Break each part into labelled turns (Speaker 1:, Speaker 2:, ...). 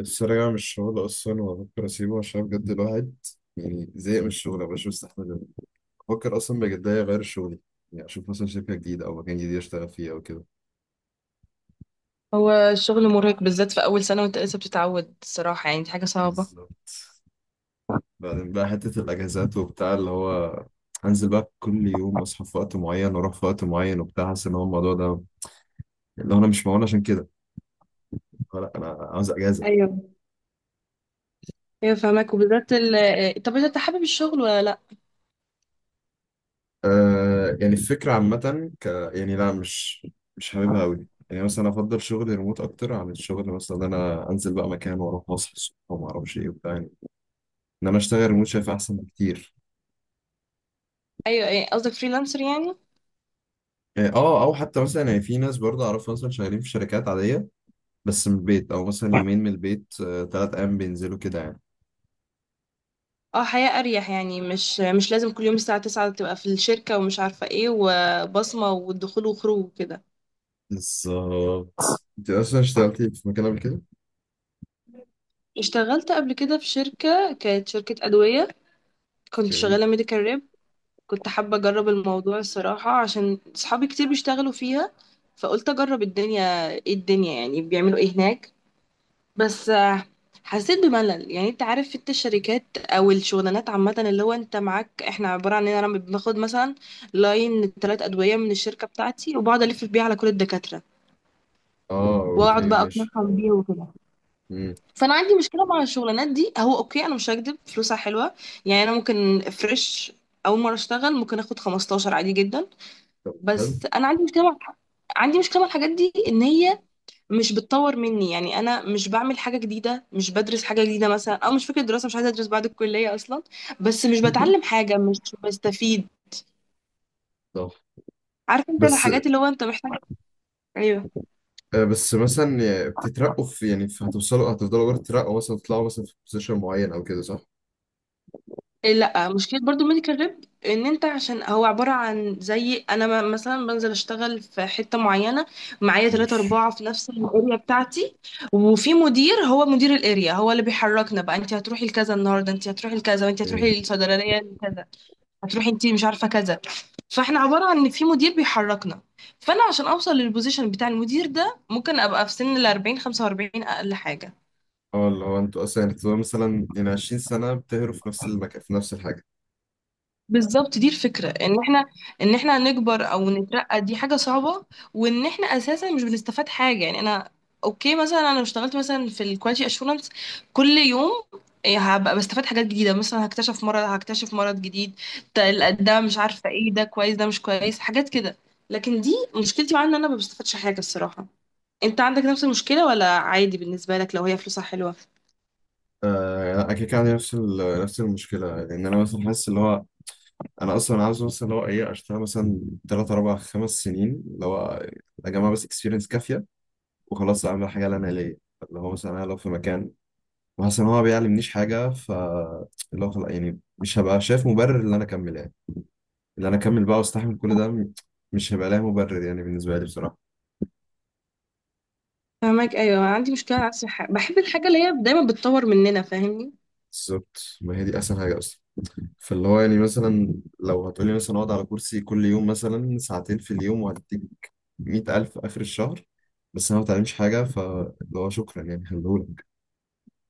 Speaker 1: السرقة مش شغل أصلا، وأفكر أسيبه عشان بجد الواحد يعني زهق من الشغل، مبقاش مستحمل. بفكر أصلا بجد أغير شغلي، يعني أشوف مثلا شركة جديدة أو مكان جديد أشتغل فيه أو كده.
Speaker 2: هو الشغل مرهق بالذات في أول سنة وأنت لسه بتتعود الصراحة، يعني دي حاجة صعبة.
Speaker 1: بالظبط. بعدين بقى حتة الأجازات وبتاع اللي هو أنزل بقى كل يوم أصحى في وقت معين وأروح في وقت معين وبتاع، حاسس إن هو الموضوع ده اللي هو أنا مش معون عشان كده. لا، أنا عاوز أجازة.
Speaker 2: ايوه، ايوه فاهمك. وبالذات ال طب، انت حابب الشغل ولا لا؟
Speaker 1: آه، يعني الفكرة عامة ك، يعني لا، مش حاببها أوي. يعني مثلا أفضل شغل ريموت أكتر عن الشغل، مثلا إن أنا أنزل بقى مكان وأروح أصحى الصبح وما أعرفش إيه وبتاع. يعني إن أنا أشتغل ريموت شايف أحسن بكتير.
Speaker 2: ايوه، ايه قصدك، فريلانسر يعني؟
Speaker 1: يعني أه، أو حتى مثلا، يعني في ناس برضه أعرفها مثلا شغالين في شركات عادية بس من البيت، أو مثلا يومين من البيت تلات أيام بينزلوا كده يعني.
Speaker 2: اه حياة اريح، يعني مش لازم كل يوم الساعة 9 تبقى في الشركة ومش عارفة ايه وبصمة والدخول وخروج وكده.
Speaker 1: بالظبط. أنت أصلا اشتغلتي في مكان قبل كده؟
Speaker 2: اشتغلت قبل كده في شركة، كانت شركة أدوية. كنت
Speaker 1: أوكي.
Speaker 2: شغالة ميديكال ريب. كنت حابة أجرب الموضوع الصراحة عشان صحابي كتير بيشتغلوا فيها، فقلت أجرب الدنيا ايه، الدنيا يعني بيعملوا ايه هناك. بس حسيت بملل. يعني انت عارف في الشركات او الشغلانات عامه، اللي هو انت معاك، احنا عباره عن ان انا باخد مثلا لاين ثلاث ادويه من الشركه بتاعتي وبقعد الف بيها على كل الدكاتره
Speaker 1: أه
Speaker 2: واقعد
Speaker 1: أوكي،
Speaker 2: بقى
Speaker 1: ماشي.
Speaker 2: اقنعهم بيها وكده.
Speaker 1: مم.
Speaker 2: فانا عندي مشكله مع الشغلانات دي، هو اوكي انا مش هكدب فلوسها حلوه، يعني انا ممكن فريش اول مره اشتغل ممكن اخد 15 عادي جدا.
Speaker 1: طب
Speaker 2: بس
Speaker 1: حلو.
Speaker 2: انا عندي مشكله مع الحاجات دي، ان هي مش بتطور مني. يعني انا مش بعمل حاجه جديده، مش بدرس حاجه جديده مثلا، او مش فكره دراسه، مش عايزه ادرس بعد الكليه اصلا، بس مش بتعلم حاجه، مش بستفيد.
Speaker 1: صح.
Speaker 2: عارف انت
Speaker 1: بس
Speaker 2: الحاجات اللي هو انت محتاج. ايوه
Speaker 1: بس مثلا يعني بتترقوا في، يعني في، هتوصلوا هتفضلوا برضه تترقوا، مثلا تطلعوا مثلا في بوزيشن معين او كده، صح؟
Speaker 2: إيه، لا مشكله برضو الميديكال ريب ان انت، عشان هو عباره عن زي انا مثلا بنزل اشتغل في حته معينه، معايا ثلاثة
Speaker 1: ماشي.
Speaker 2: أربعة في نفس الاريا بتاعتي، وفي مدير، هو مدير الاريا هو اللي بيحركنا بقى، انت هتروحي لكذا النهارده، انت هتروحي لكذا، وانت
Speaker 1: مم.
Speaker 2: هتروحي للصيدليه كذا، هتروحي انت مش عارفه كذا. فاحنا عبارة عن ان في مدير بيحركنا، فانا عشان اوصل للبوزيشن بتاع المدير ده ممكن ابقى في سن ال 40 45 اقل حاجة.
Speaker 1: اه، اللي هو انتوا اصلا يعني بتبقوا مثلا يعني 20 سنة بتهروا في نفس المكان في نفس الحاجة،
Speaker 2: بالظبط دي الفكرة، ان احنا ان احنا نكبر او نترقى دي حاجة صعبة، وان احنا اساسا مش بنستفاد حاجة. يعني انا اوكي مثلا انا لو اشتغلت مثلا في الكواليتي اشورنس كل يوم إيه، هبقى بستفاد حاجات جديدة، مثلا هكتشف مرض، هكتشف مرض جديد،
Speaker 1: صح؟
Speaker 2: ده مش عارفة ايه، ده كويس ده مش كويس، حاجات كده. لكن دي مشكلتي معاها، ان انا ما بستفادش حاجة الصراحة. انت عندك نفس المشكلة ولا عادي بالنسبة لك لو هي فلوسها حلوة؟
Speaker 1: آه لا، انا كده كده عندي نفس نفس المشكلة. لان انا مثلا حاسس اللي هو انا اصلا عاوز مثلا اللي هو ايه، اشتغل مثلا تلات اربع خمس سنين، اللي هو اجمع بس اكسبيرينس كافية وخلاص اعمل حاجة اللي انا ليا. اللي هو مثلا انا لو في مكان وحاسس ان هو ما بيعلمنيش حاجه، ف اللي هو خلاص يعني مش هبقى شايف مبرر ان انا اكمل، يعني ان انا اكمل بقى واستحمل كل ده، مش هيبقى لها مبرر يعني بالنسبه لي بصراحه.
Speaker 2: فاهمك. ايوه أنا عندي مشكلة نفس الحاجة، بحب الحاجة اللي هي دايما بتطور مننا، فاهمني.
Speaker 1: بالظبط، ما هي دي اسهل حاجه اصلا. فاللي هو يعني مثلا لو هتقولي مثلا اقعد على كرسي كل يوم مثلا ساعتين في اليوم، وهديك 100,000 اخر الشهر، بس انا ما بتعلمش حاجه، فاللي هو شكرا، يعني خليهولك،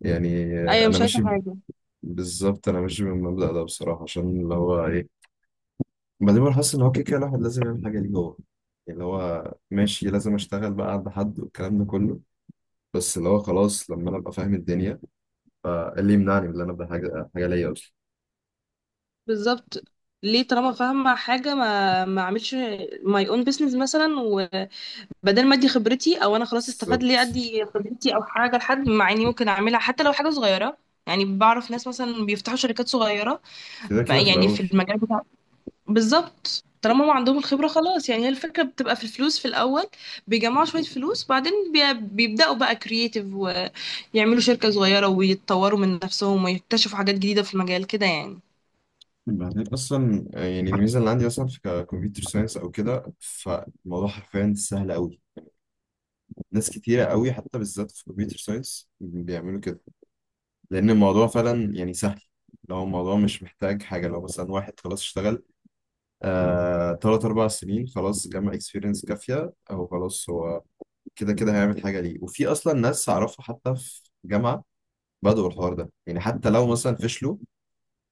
Speaker 1: يعني
Speaker 2: ايوه
Speaker 1: انا
Speaker 2: مش عايزة
Speaker 1: ماشي.
Speaker 2: حاجة.
Speaker 1: بالظبط، انا ماشي بالمبدأ ده بصراحه، عشان اللي هو إيه، بعدين بقى حاسس ان هو كده كده الواحد لازم يعمل حاجه ليه هو. يعني اللي هو ماشي، لازم اشتغل بقى عند حد والكلام ده كله، بس اللي هو خلاص لما انا ابقى فاهم الدنيا، فاللي يمنعني من ان انا ابدا حاجه ليا اصلا.
Speaker 2: بالظبط، ليه طالما فاهمة حاجة ما اعملش ماي اون بيزنس مثلا، وبدل ما ادي خبرتي او انا خلاص استفاد، ليه
Speaker 1: بالظبط،
Speaker 2: ادي خبرتي او حاجة لحد، مع اني ممكن اعملها حتى لو حاجة صغيرة. يعني بعرف ناس مثلا بيفتحوا شركات صغيرة
Speaker 1: كده كده في
Speaker 2: يعني في
Speaker 1: الاول.
Speaker 2: المجال. بالظبط طالما ما عندهم الخبرة، خلاص، يعني هي الفكرة بتبقى في الفلوس في الأول، بيجمعوا شوية فلوس بعدين بيبدأوا بقى كرييتيف ويعملوا شركة صغيرة ويتطوروا من نفسهم ويكتشفوا حاجات جديدة في المجال كده يعني.
Speaker 1: بعدين اصلا يعني الميزه اللي عندي مثلا في كمبيوتر ساينس او كده، فالموضوع حرفيا سهل قوي. ناس كتيره قوي حتى بالذات في كمبيوتر ساينس بيعملوا كده، لان الموضوع فعلا يعني سهل. لو الموضوع مش محتاج حاجه، لو مثلا واحد خلاص اشتغل تلات أربع سنين، خلاص جمع اكسبيرينس كافية، أو خلاص هو كده كده هيعمل حاجة ليه. وفي أصلا ناس أعرفها حتى في جامعة بدأوا الحوار ده. يعني حتى لو مثلا فشلوا،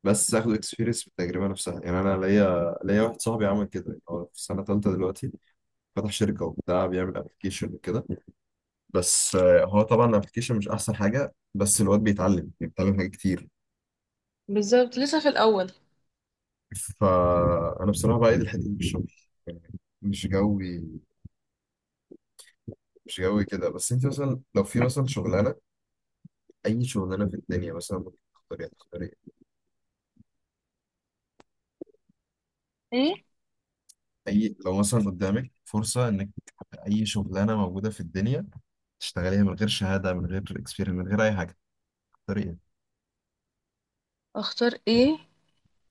Speaker 1: بس أخدوا اكسبيرينس بالتجربة نفسها. يعني أنا ليا واحد صاحبي عمل كده، يعني هو في سنة تالتة دلوقتي فتح شركة وبتاع بيعمل أبلكيشن وكده. بس هو طبعا الأبلكيشن مش أحسن حاجة، بس الواد بيتعلم حاجات كتير.
Speaker 2: بالظبط لسه في الأول.
Speaker 1: فأنا بصراحة بقى دي الحتة دي في الشغل، يعني مش جوي، مش جوي كده. بس انت مثلا لو في مثلا شغلانه، اي شغلانه في الدنيا مثلا ممكن تختاريها، تختاري، هتختاري
Speaker 2: ايه
Speaker 1: اي، لو مثلا قدامك فرصه انك اي شغلانه موجوده في الدنيا تشتغليها من غير شهاده من غير اكسبيرينس من غير اي حاجه، تختاري ايه؟
Speaker 2: اختار ايه؟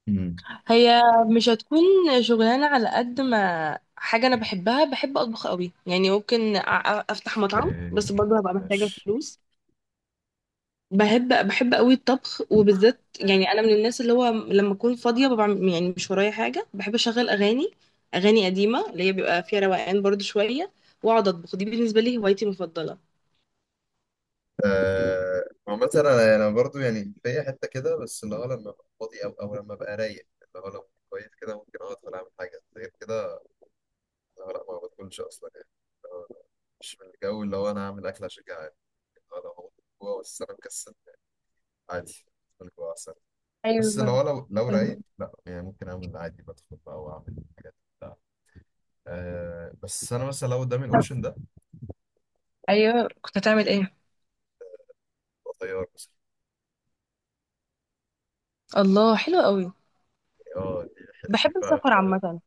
Speaker 1: امم
Speaker 2: هي مش هتكون شغلانة على قد ما حاجة انا بحبها. بحب اطبخ قوي، يعني ممكن افتح مطعم،
Speaker 1: اوكي،
Speaker 2: بس برضه هبقى محتاجة
Speaker 1: ماشي.
Speaker 2: فلوس. بحب بحب قوي الطبخ، وبالذات يعني انا من الناس اللي هو لما اكون فاضيه ببقى يعني مش ورايا حاجه، بحب اشغل اغاني، اغاني قديمه اللي هي بيبقى فيها روقان برضو شويه، واقعد اطبخ. دي بالنسبه لي هوايتي المفضله.
Speaker 1: عامة انا برضو يعني في حته كده، بس اللي هو لما ابقى فاضي او لما ابقى رايق اللي هو لو كويس كده ممكن اقعد ولا اعمل حاجه غير كده. اللي هو لا، ما بدخلش اصلا يعني. اللي هو مش من الجو اللي هو انا هعمل اكل عشان جعان. لو هو جوه بس انا مكسل، عادي بدخل جوه احسن.
Speaker 2: ايوه
Speaker 1: بس لو
Speaker 2: فاهمة.
Speaker 1: رايق لا، يعني ممكن اعمل عادي، بدخل بقى واعمل حاجات بتاع. أه، بس انا مثلا لو قدامي
Speaker 2: طب
Speaker 1: الاوبشن ده،
Speaker 2: ايوه كنت هتعمل ايه؟
Speaker 1: هو طيار مثلا.
Speaker 2: الله حلو قوي،
Speaker 1: اه دي، دي
Speaker 2: بحب
Speaker 1: بقى
Speaker 2: السفر عامه.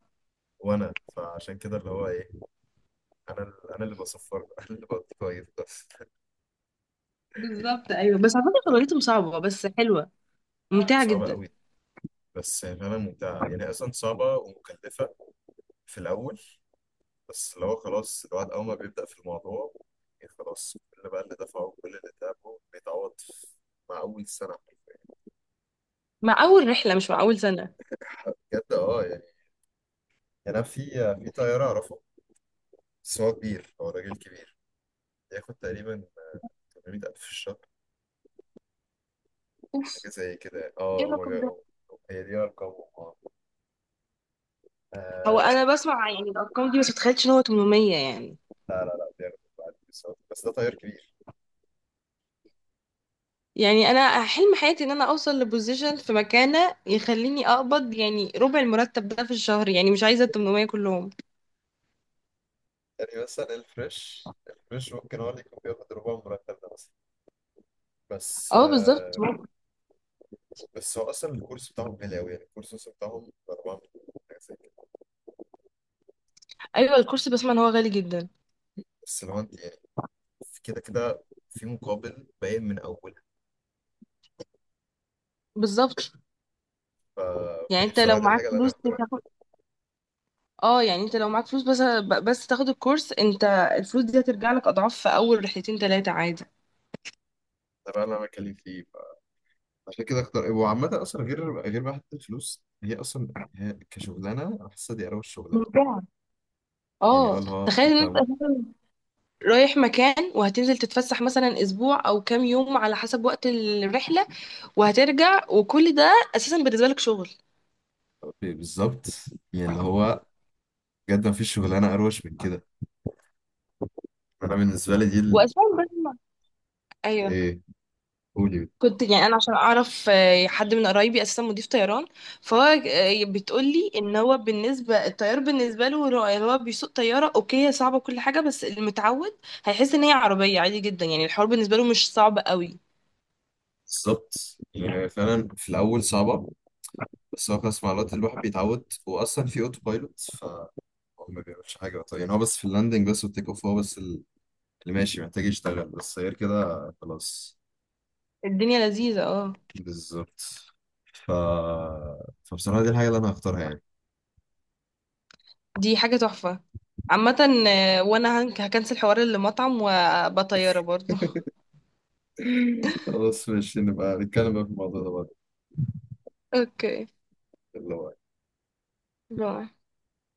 Speaker 1: وانا فعشان كده اللي هو ايه، انا انا اللي بصفر بقى، انا اللي بطير بس.
Speaker 2: بالظبط ايوه بس على فكره شغلتهم صعبه بس حلوه، ممتعه
Speaker 1: صعبه
Speaker 2: جدا.
Speaker 1: قوي، بس فعلا ممتعه. يعني اصلا صعبه ومكلفه في الاول، بس لو خلاص الواحد أول ما بيبدأ في الموضوع يعني خلاص كل بقى اللي دفعه وكل اللي تعبه بيتعوض مع أول سنة حرفياً.
Speaker 2: مع اول رحله مش مع اول سنه.
Speaker 1: بجد اه يعني. يعني أنا في، في طيار أعرفه بس هو كبير، هو راجل كبير، بياخد تقريبا 800,000 في الشهر، حاجة
Speaker 2: اوف،
Speaker 1: زي كده يعني.
Speaker 2: ايه
Speaker 1: اه هما
Speaker 2: الرقم ده؟
Speaker 1: هي دي أرقامهم اه.
Speaker 2: هو
Speaker 1: آه،
Speaker 2: انا بسمع يعني الارقام دي بس متخيلتش ان هو 800 يعني.
Speaker 1: لا بياخد بعد الكورسات. بس ده طيار كبير.
Speaker 2: يعني انا حلم حياتي ان انا اوصل لبوزيشن في مكانه يخليني اقبض يعني ربع المرتب ده في الشهر، يعني مش عايزه ال 800 كلهم.
Speaker 1: يعني مثلا الفريش، الفريش ممكن هو اللي يكون بياخد ربع المرتب ده مثلا، بس
Speaker 2: اه بالظبط.
Speaker 1: بس هو اصلا الكورس بتاعهم غالي قوي، يعني الكورس اصلا بتاعهم ب 4 مليون حاجه زي كده.
Speaker 2: ايوه الكرسي بسمع ان هو غالي جدا.
Speaker 1: بس لو انت يعني في كده كده في مقابل باين من اول،
Speaker 2: بالظبط،
Speaker 1: ف...
Speaker 2: يعني
Speaker 1: فدي
Speaker 2: انت لو
Speaker 1: بصراحه دي
Speaker 2: معاك
Speaker 1: الحاجه اللي انا
Speaker 2: فلوس
Speaker 1: هختارها.
Speaker 2: تاخد. اه يعني انت لو معاك فلوس بس، بس تاخد الكورس انت، الفلوس دي هترجع لك اضعاف في اول رحلتين ثلاثه عادي.
Speaker 1: ده بقى اللي انا بتكلم فيه ف... عشان كده اختار. وعامه اصلا غير بقى حتى الفلوس، هي اصلا هي كشغلانه انا حاسسها دي اروش شغلانه.
Speaker 2: ممتعة
Speaker 1: يعني اه
Speaker 2: اه.
Speaker 1: اللي هو
Speaker 2: تخيل
Speaker 1: انت
Speaker 2: ان انت رايح مكان وهتنزل تتفسح مثلا اسبوع او كام يوم على حسب وقت الرحله، وهترجع، وكل ده اساسا بالنسبه لك شغل.
Speaker 1: بالظبط. يعني اللي هو بجد ما فيش شغلانه اروش من كده. انا بالنسبه لي دي ال...
Speaker 2: واساسا لازم- ايوه
Speaker 1: ايه، قولي.
Speaker 2: كنت يعني انا عشان اعرف حد من قرايبي اساسا مضيف طيران، فهو بتقول لي ان هو بالنسبه الطيار بالنسبه له، هو هو بيسوق طياره اوكي، هي صعبه كل حاجه، بس المتعود هيحس ان هي عربيه عادي جدا، يعني الحوار بالنسبه له مش صعب قوي.
Speaker 1: بالظبط، يعني فعلا في الاول صعبه، بس هو خلاص مع الوقت الواحد بيتعود، واصلا في اوتو بايلوت فهو ما بيعملش حاجه. طيب يعني هو بس في اللاندنج بس والتيك اوف هو بس اللي ماشي محتاج يشتغل، بس غير كده خلاص.
Speaker 2: الدنيا لذيذه اه.
Speaker 1: بالظبط. ف... فبصراحه دي الحاجه اللي انا هختارها يعني.
Speaker 2: دي حاجة تحفة عامة. وانا هكنسل حوار المطعم وبطيارة برضو.
Speaker 1: خلاص ماشي، نبقى نتكلم بقى في الموضوع ده بعدين
Speaker 2: اوكي،
Speaker 1: اللي هو
Speaker 2: باي.